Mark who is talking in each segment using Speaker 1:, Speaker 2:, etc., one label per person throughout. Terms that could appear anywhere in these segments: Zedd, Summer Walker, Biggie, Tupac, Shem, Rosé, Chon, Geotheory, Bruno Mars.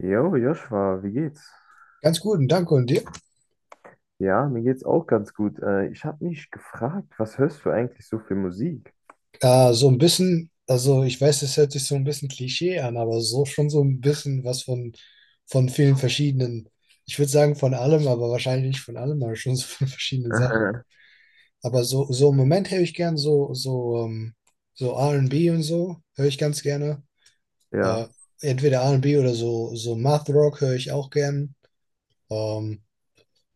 Speaker 1: Jo, Joshua, wie geht's?
Speaker 2: Ganz guten Dank und dir.
Speaker 1: Ja, mir geht's auch ganz gut. Ich habe mich gefragt, was hörst du eigentlich so für Musik?
Speaker 2: So ein bisschen, also ich weiß, es hört sich so ein bisschen Klischee an, aber so schon so ein bisschen was von, vielen verschiedenen, ich würde sagen von allem, aber wahrscheinlich nicht von allem, aber schon so von verschiedenen Sachen.
Speaker 1: Aha.
Speaker 2: Aber so, so im Moment höre ich gern so R&B und B und so, höre ich ganz gerne. Äh,
Speaker 1: Ja.
Speaker 2: entweder R und B oder so, so, Math Rock höre ich auch gern. Ähm,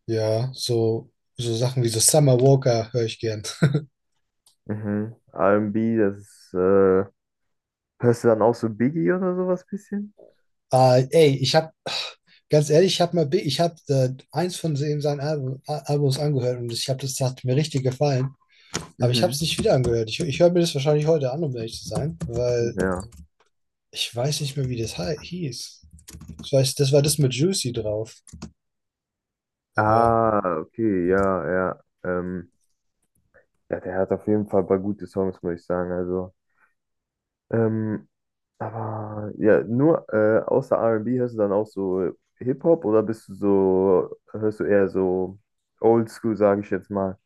Speaker 2: ja, so Sachen wie so Summer Walker höre ich gern.
Speaker 1: Mhm. R&B, das ist, hörst du dann auch so Biggie oder sowas bisschen?
Speaker 2: Ey, ich habe Ganz ehrlich, ich habe mal, ich habe eins von seinen Alben, Albums angehört, und ich habe das, das hat mir richtig gefallen. Aber ich habe es
Speaker 1: Mhm.
Speaker 2: nicht wieder angehört. Ich höre mir das wahrscheinlich heute an, um ehrlich zu sein, weil
Speaker 1: Ja.
Speaker 2: ich weiß nicht mehr, wie das hieß. Ich weiß, das war das mit Juicy drauf. Aber
Speaker 1: Ah, okay, ja, ja. Ja, der hat auf jeden Fall ein paar gute Songs, muss ich sagen. Also, ähm, aber ja, nur außer R&B hörst du dann auch so Hip-Hop oder hörst du eher so Oldschool, sage ich jetzt mal?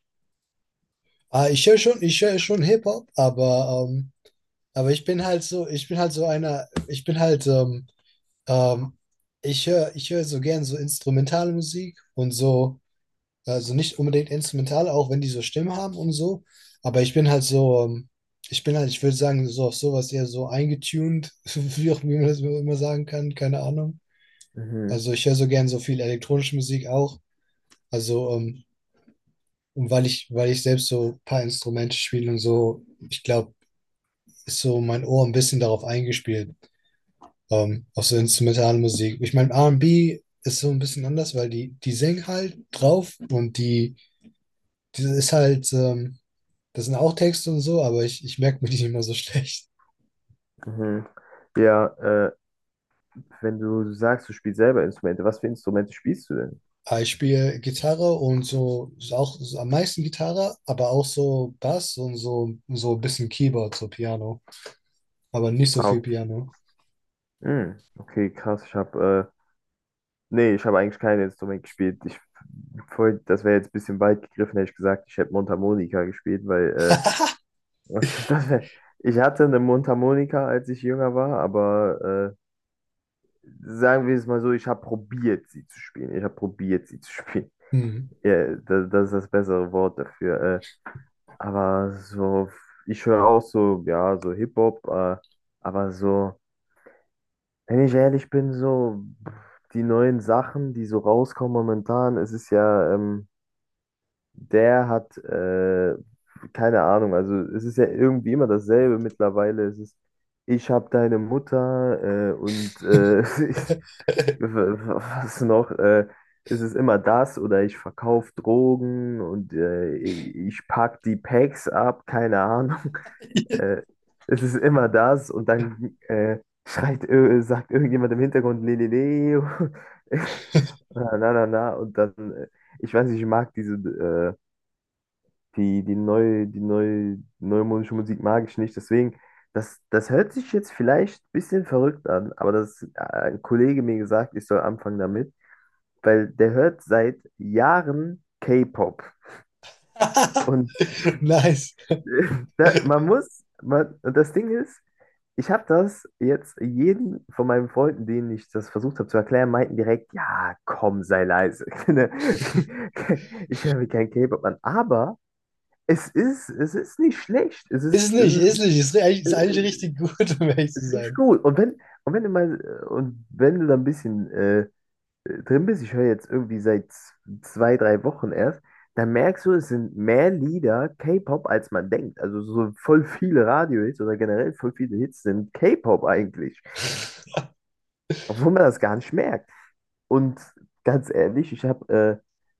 Speaker 2: ah, ich höre schon Hip Hop, aber ich bin halt so, ich bin halt so einer, ich bin halt ähm, ich höre so gern so instrumentale Musik und so. Also nicht unbedingt instrumental, auch wenn die so Stimmen haben und so. Aber ich bin halt so, ich bin halt, ich würde sagen, so auf sowas eher so eingetuned, wie auch wie man das immer sagen kann, keine Ahnung.
Speaker 1: Mhm,
Speaker 2: Also ich höre so gern so viel elektronische Musik auch. Also, und weil ich selbst so ein paar Instrumente spiele und so, ich glaube, ist so mein Ohr ein bisschen darauf eingespielt, auf so instrumentale Musik. Ich meine, R und B ist so ein bisschen anders, weil die, die singen halt drauf und die, die ist halt. Das sind auch Texte und so, aber ich merke mir die immer so schlecht.
Speaker 1: mhm. Ja, wenn du sagst, du spielst selber Instrumente, was für Instrumente spielst du denn?
Speaker 2: Aber ich spiele Gitarre und so, ist auch so am meisten Gitarre, aber auch so Bass und so, so ein bisschen Keyboard, so Piano. Aber nicht so
Speaker 1: Ah,
Speaker 2: viel
Speaker 1: okay.
Speaker 2: Piano.
Speaker 1: Hm, okay, krass. Nee, ich habe eigentlich kein Instrument gespielt. Voll, das wäre jetzt ein bisschen weit gegriffen, hätte ich gesagt, ich hätte Mundharmonika gespielt, weil, Was ist das? Ich hatte eine Mundharmonika, als ich jünger war, aber äh, sagen wir es mal so, ich habe probiert, sie zu spielen. Ich habe probiert, sie zu spielen.
Speaker 2: Hm.
Speaker 1: Ja, das ist das bessere Wort dafür. Aber so, ich höre auch so, ja, so Hip-Hop, aber so, wenn ich ehrlich bin, so pff, die neuen Sachen, die so rauskommen momentan, es ist ja, der hat, äh, keine Ahnung, also es ist ja irgendwie immer dasselbe mittlerweile. Es ist, ich habe deine Mutter und Was noch? Es ist immer das oder ich verkaufe Drogen und ich pack die Packs ab, keine Ahnung. Äh, Es ist immer das und dann sagt irgendjemand im Hintergrund Lelele, na na na na und dann, ich weiß nicht, die neue neumodische Musik mag ich nicht, deswegen, das hört sich jetzt vielleicht ein bisschen verrückt an, aber ein Kollege mir gesagt, ich soll anfangen damit, weil der hört seit Jahren K-Pop. Und
Speaker 2: Nice.
Speaker 1: äh, da, man muss, man, und das Ding ist, ich habe das jetzt jeden von meinen Freunden, denen ich das versucht habe zu erklären, meinten direkt, ja, komm, sei leise. Ich höre mir kein K-Pop an. Aber es ist nicht schlecht.
Speaker 2: Ist nicht, ist nicht. Ist
Speaker 1: Äh,
Speaker 2: eigentlich richtig gut, um ehrlich
Speaker 1: es
Speaker 2: zu
Speaker 1: ist wirklich
Speaker 2: sein.
Speaker 1: gut. Und wenn du da ein bisschen drin bist, ich höre jetzt irgendwie seit 2, 3 Wochen erst, dann merkst du, es sind mehr Lieder K-Pop, als man denkt. Also so voll viele Radiohits oder generell voll viele Hits sind K-Pop eigentlich, obwohl man das gar nicht merkt. Und ganz ehrlich,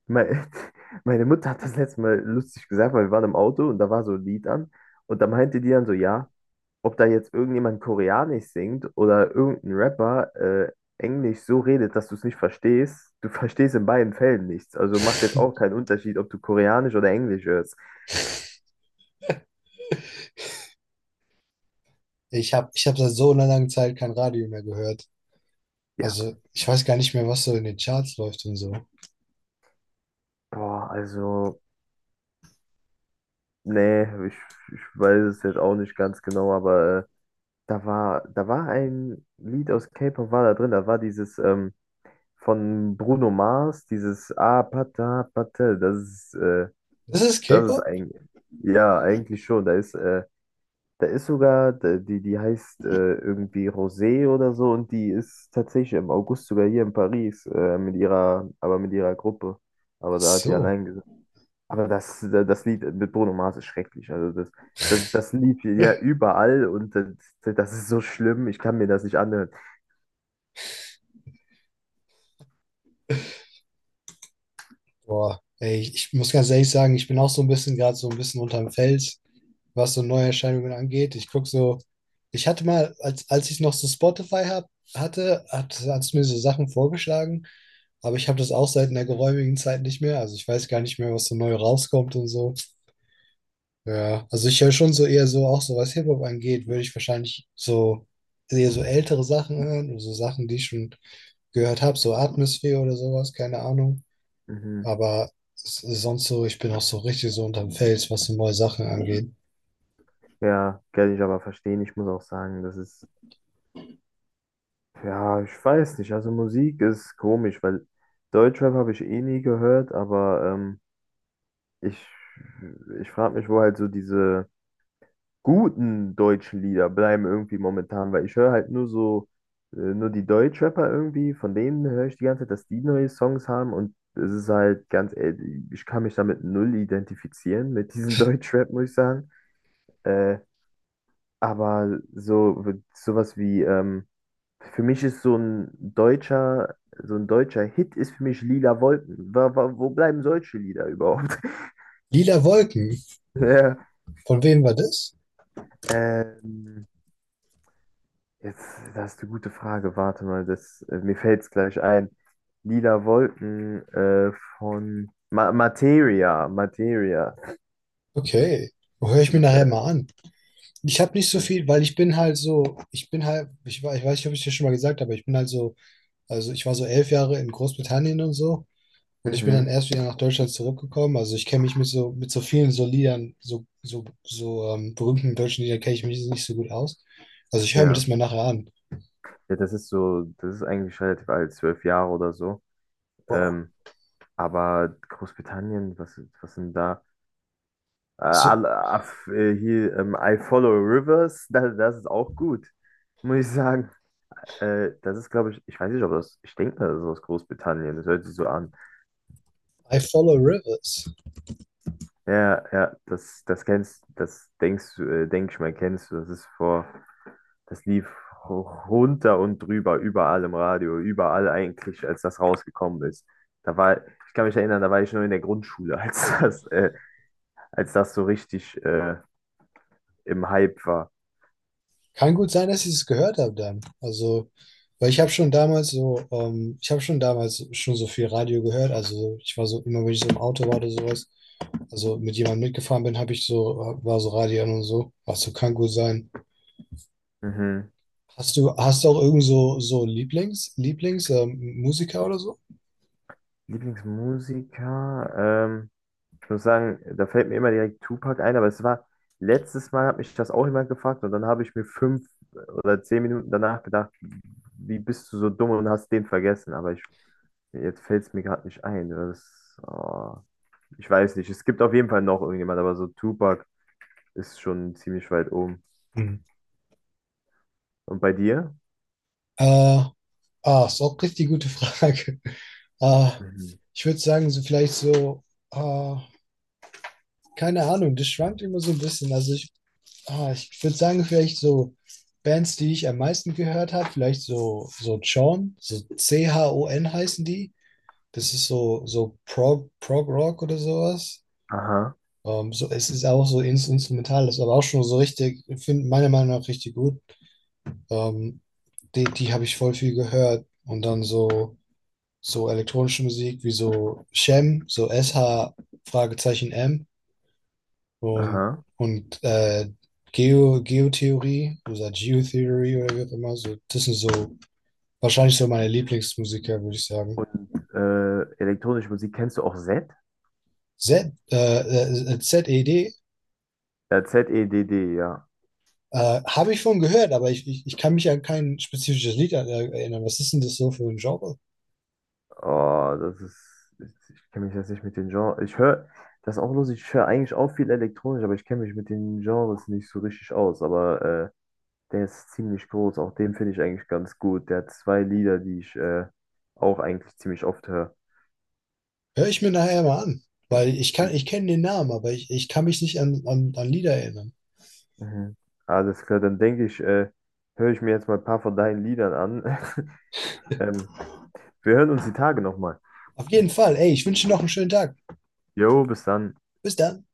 Speaker 1: mein, meine Mutter hat das letzte Mal lustig gesagt, weil wir waren im Auto und da war so ein Lied an und da meinte die dann so, ja, ob da jetzt irgendjemand Koreanisch singt oder irgendein Rapper Englisch so redet, dass du es nicht verstehst, du verstehst in beiden Fällen nichts. Also macht jetzt auch keinen Unterschied, ob du Koreanisch oder Englisch hörst.
Speaker 2: Ich hab seit so einer langen Zeit kein Radio mehr gehört.
Speaker 1: Ja,
Speaker 2: Also, ich weiß gar nicht mehr, was so in den Charts läuft und so.
Speaker 1: boah, also, nee, ich weiß es jetzt auch nicht ganz genau, aber da war ein Lied aus K-Pop, war da drin, da war dieses von Bruno Mars, dieses Ah, Pata, Pata.
Speaker 2: Das ist
Speaker 1: Das ist
Speaker 2: K-Pop?
Speaker 1: eigentlich, ja, eigentlich schon, da ist sogar, die heißt irgendwie Rosé oder so und die ist tatsächlich im August sogar hier in Paris, aber mit ihrer Gruppe.
Speaker 2: Ach
Speaker 1: Aber da hat die
Speaker 2: so.
Speaker 1: allein gesagt. Aber das Lied mit Bruno Mars ist schrecklich. Also das Lied hier, ja überall. Und das ist so schlimm, ich kann mir das nicht anhören.
Speaker 2: Boah, ey, ich muss ganz ehrlich sagen, ich bin auch so ein bisschen gerade so ein bisschen unterm Fels, was so Neuerscheinungen angeht. Ich gucke so, ich hatte mal, als ich noch so Spotify hatte, hat es mir so Sachen vorgeschlagen, aber ich habe das auch seit einer geräumigen Zeit nicht mehr. Also ich weiß gar nicht mehr, was so neu rauskommt und so. Ja, also ich höre schon so eher so, auch so was Hip-Hop angeht, würde ich wahrscheinlich so eher so ältere Sachen hören, so Sachen, die ich schon gehört habe, so Atmosphäre oder sowas, keine Ahnung.
Speaker 1: Mhm.
Speaker 2: Aber sonst so, ich bin auch so richtig so unterm Fels, was so neue Sachen angeht.
Speaker 1: Ja, kann ich aber verstehen. Ich muss auch sagen, das ist, ja, ich weiß nicht. Also Musik ist komisch, weil Deutschrap habe ich eh nie gehört, aber Ich, ich frage mich, wo halt so diese guten deutschen Lieder bleiben irgendwie momentan, weil ich höre halt nur die Deutschrapper irgendwie, von denen höre ich die ganze Zeit, dass die neue Songs haben und es ist halt ganz ehrlich, ich kann mich damit null identifizieren, mit diesem Deutschrap, muss ich sagen. Äh, aber so, sowas wie, ähm, für mich ist so ein deutscher Hit ist für mich Lila Wolken. Wo bleiben solche Lieder überhaupt?
Speaker 2: Lila Wolken,
Speaker 1: Ja.
Speaker 2: von wem war das?
Speaker 1: Ähm, Jetzt, das ist eine gute Frage. Warte mal, mir fällt es gleich ein. Lila Wolken, von Ma Materia, Materia.
Speaker 2: Okay, höre ich mir
Speaker 1: Und
Speaker 2: nachher mal an. Ich habe nicht so
Speaker 1: äh,
Speaker 2: viel, weil ich bin halt so, ich bin halt, ich weiß nicht, ob ich dir schon mal gesagt habe, aber ich bin halt so, also ich war so 11 Jahre in Großbritannien und so und ich bin dann
Speaker 1: mhm,
Speaker 2: erst wieder nach Deutschland zurückgekommen. Also ich kenne mich mit so vielen so Liedern, berühmten deutschen Liedern kenne ich mich nicht so gut aus. Also ich höre mir
Speaker 1: ja.
Speaker 2: das mal nachher an.
Speaker 1: Ja, das ist eigentlich relativ alt, 12 Jahre oder so.
Speaker 2: Wow.
Speaker 1: Ähm, aber Großbritannien, was sind da?
Speaker 2: So,
Speaker 1: I Follow Rivers, das ist auch gut, muss ich sagen. Das ist, glaube ich, ich weiß nicht, ob das, ich denke, das ist aus Großbritannien, das hört sich so an.
Speaker 2: I follow rivers.
Speaker 1: Ja, ja, das denkst du, denk ich mal, kennst du. Das lief ho- runter und drüber, überall im Radio, überall eigentlich, als das rausgekommen ist. Da war, ich kann mich erinnern, da war ich noch in der Grundschule, als das so richtig im Hype war.
Speaker 2: Kann gut sein, dass ich es gehört habe dann. Also, weil ich habe schon damals schon so viel Radio gehört. Also ich war so, immer wenn ich so im Auto war oder sowas, also mit jemandem mitgefahren bin, habe ich so, war so Radio an und so. Also kann gut sein.
Speaker 1: Mhm.
Speaker 2: Hast du auch irgend so, Musiker oder so?
Speaker 1: Lieblingsmusiker, ähm, ich muss sagen, da fällt mir immer direkt Tupac ein, aber es war, letztes Mal hat mich das auch jemand gefragt und dann habe ich mir 5 oder 10 Minuten danach gedacht, wie bist du so dumm und hast den vergessen? Jetzt fällt es mir gerade nicht ein. Oh, ich weiß nicht. Es gibt auf jeden Fall noch irgendjemand, aber so Tupac ist schon ziemlich weit oben.
Speaker 2: Hm.
Speaker 1: Und bei dir?
Speaker 2: Äh, ah, ist auch richtig gute Frage. Äh,
Speaker 1: Mhm.
Speaker 2: ich würde sagen, so vielleicht so, äh, keine Ahnung, das schwankt immer so ein bisschen. Also, ich würde sagen, vielleicht so Bands, die ich am meisten gehört habe, vielleicht so, so Chon, so Chon heißen die. Das ist so, Prog Rock oder sowas.
Speaker 1: Aha,
Speaker 2: So, es ist auch so instrumental, das ist aber auch schon so richtig, finde meiner Meinung nach richtig gut. Ähm, die habe ich voll viel gehört. Und dann so elektronische Musik wie so Shem, so SHM Fragezeichen M. Und,
Speaker 1: aha.
Speaker 2: und Geotheorie oder Geotheorie oder wie auch immer, so, das sind so wahrscheinlich so meine Lieblingsmusiker, würde ich sagen.
Speaker 1: Und elektronische Musik, kennst du auch Z?
Speaker 2: Z, ZED
Speaker 1: Ja, Zedd, ja.
Speaker 2: habe ich von gehört, aber ich kann mich an kein spezifisches Lied erinnern. Was ist denn das so für ein Genre?
Speaker 1: Oh, das ist. Ich kenne mich jetzt nicht mit den Genres. Ich höre, das ist auch lustig, ich höre eigentlich auch viel elektronisch, aber ich kenne mich mit den Genres nicht so richtig aus. Aber der ist ziemlich groß, auch den finde ich eigentlich ganz gut. Der hat zwei Lieder, die ich auch eigentlich ziemlich oft höre.
Speaker 2: Hör ich mir nachher mal an, weil ich kann,
Speaker 1: Mhm.
Speaker 2: ich kenne den Namen, aber ich kann mich nicht an Lieder erinnern.
Speaker 1: Mhm. Alles klar, dann denke ich, höre ich mir jetzt mal ein paar von deinen Liedern an. Ähm, Wir hören uns die Tage nochmal.
Speaker 2: Auf jeden Fall, ey, ich wünsche dir noch einen schönen Tag.
Speaker 1: Jo, bis dann.
Speaker 2: Bis dann.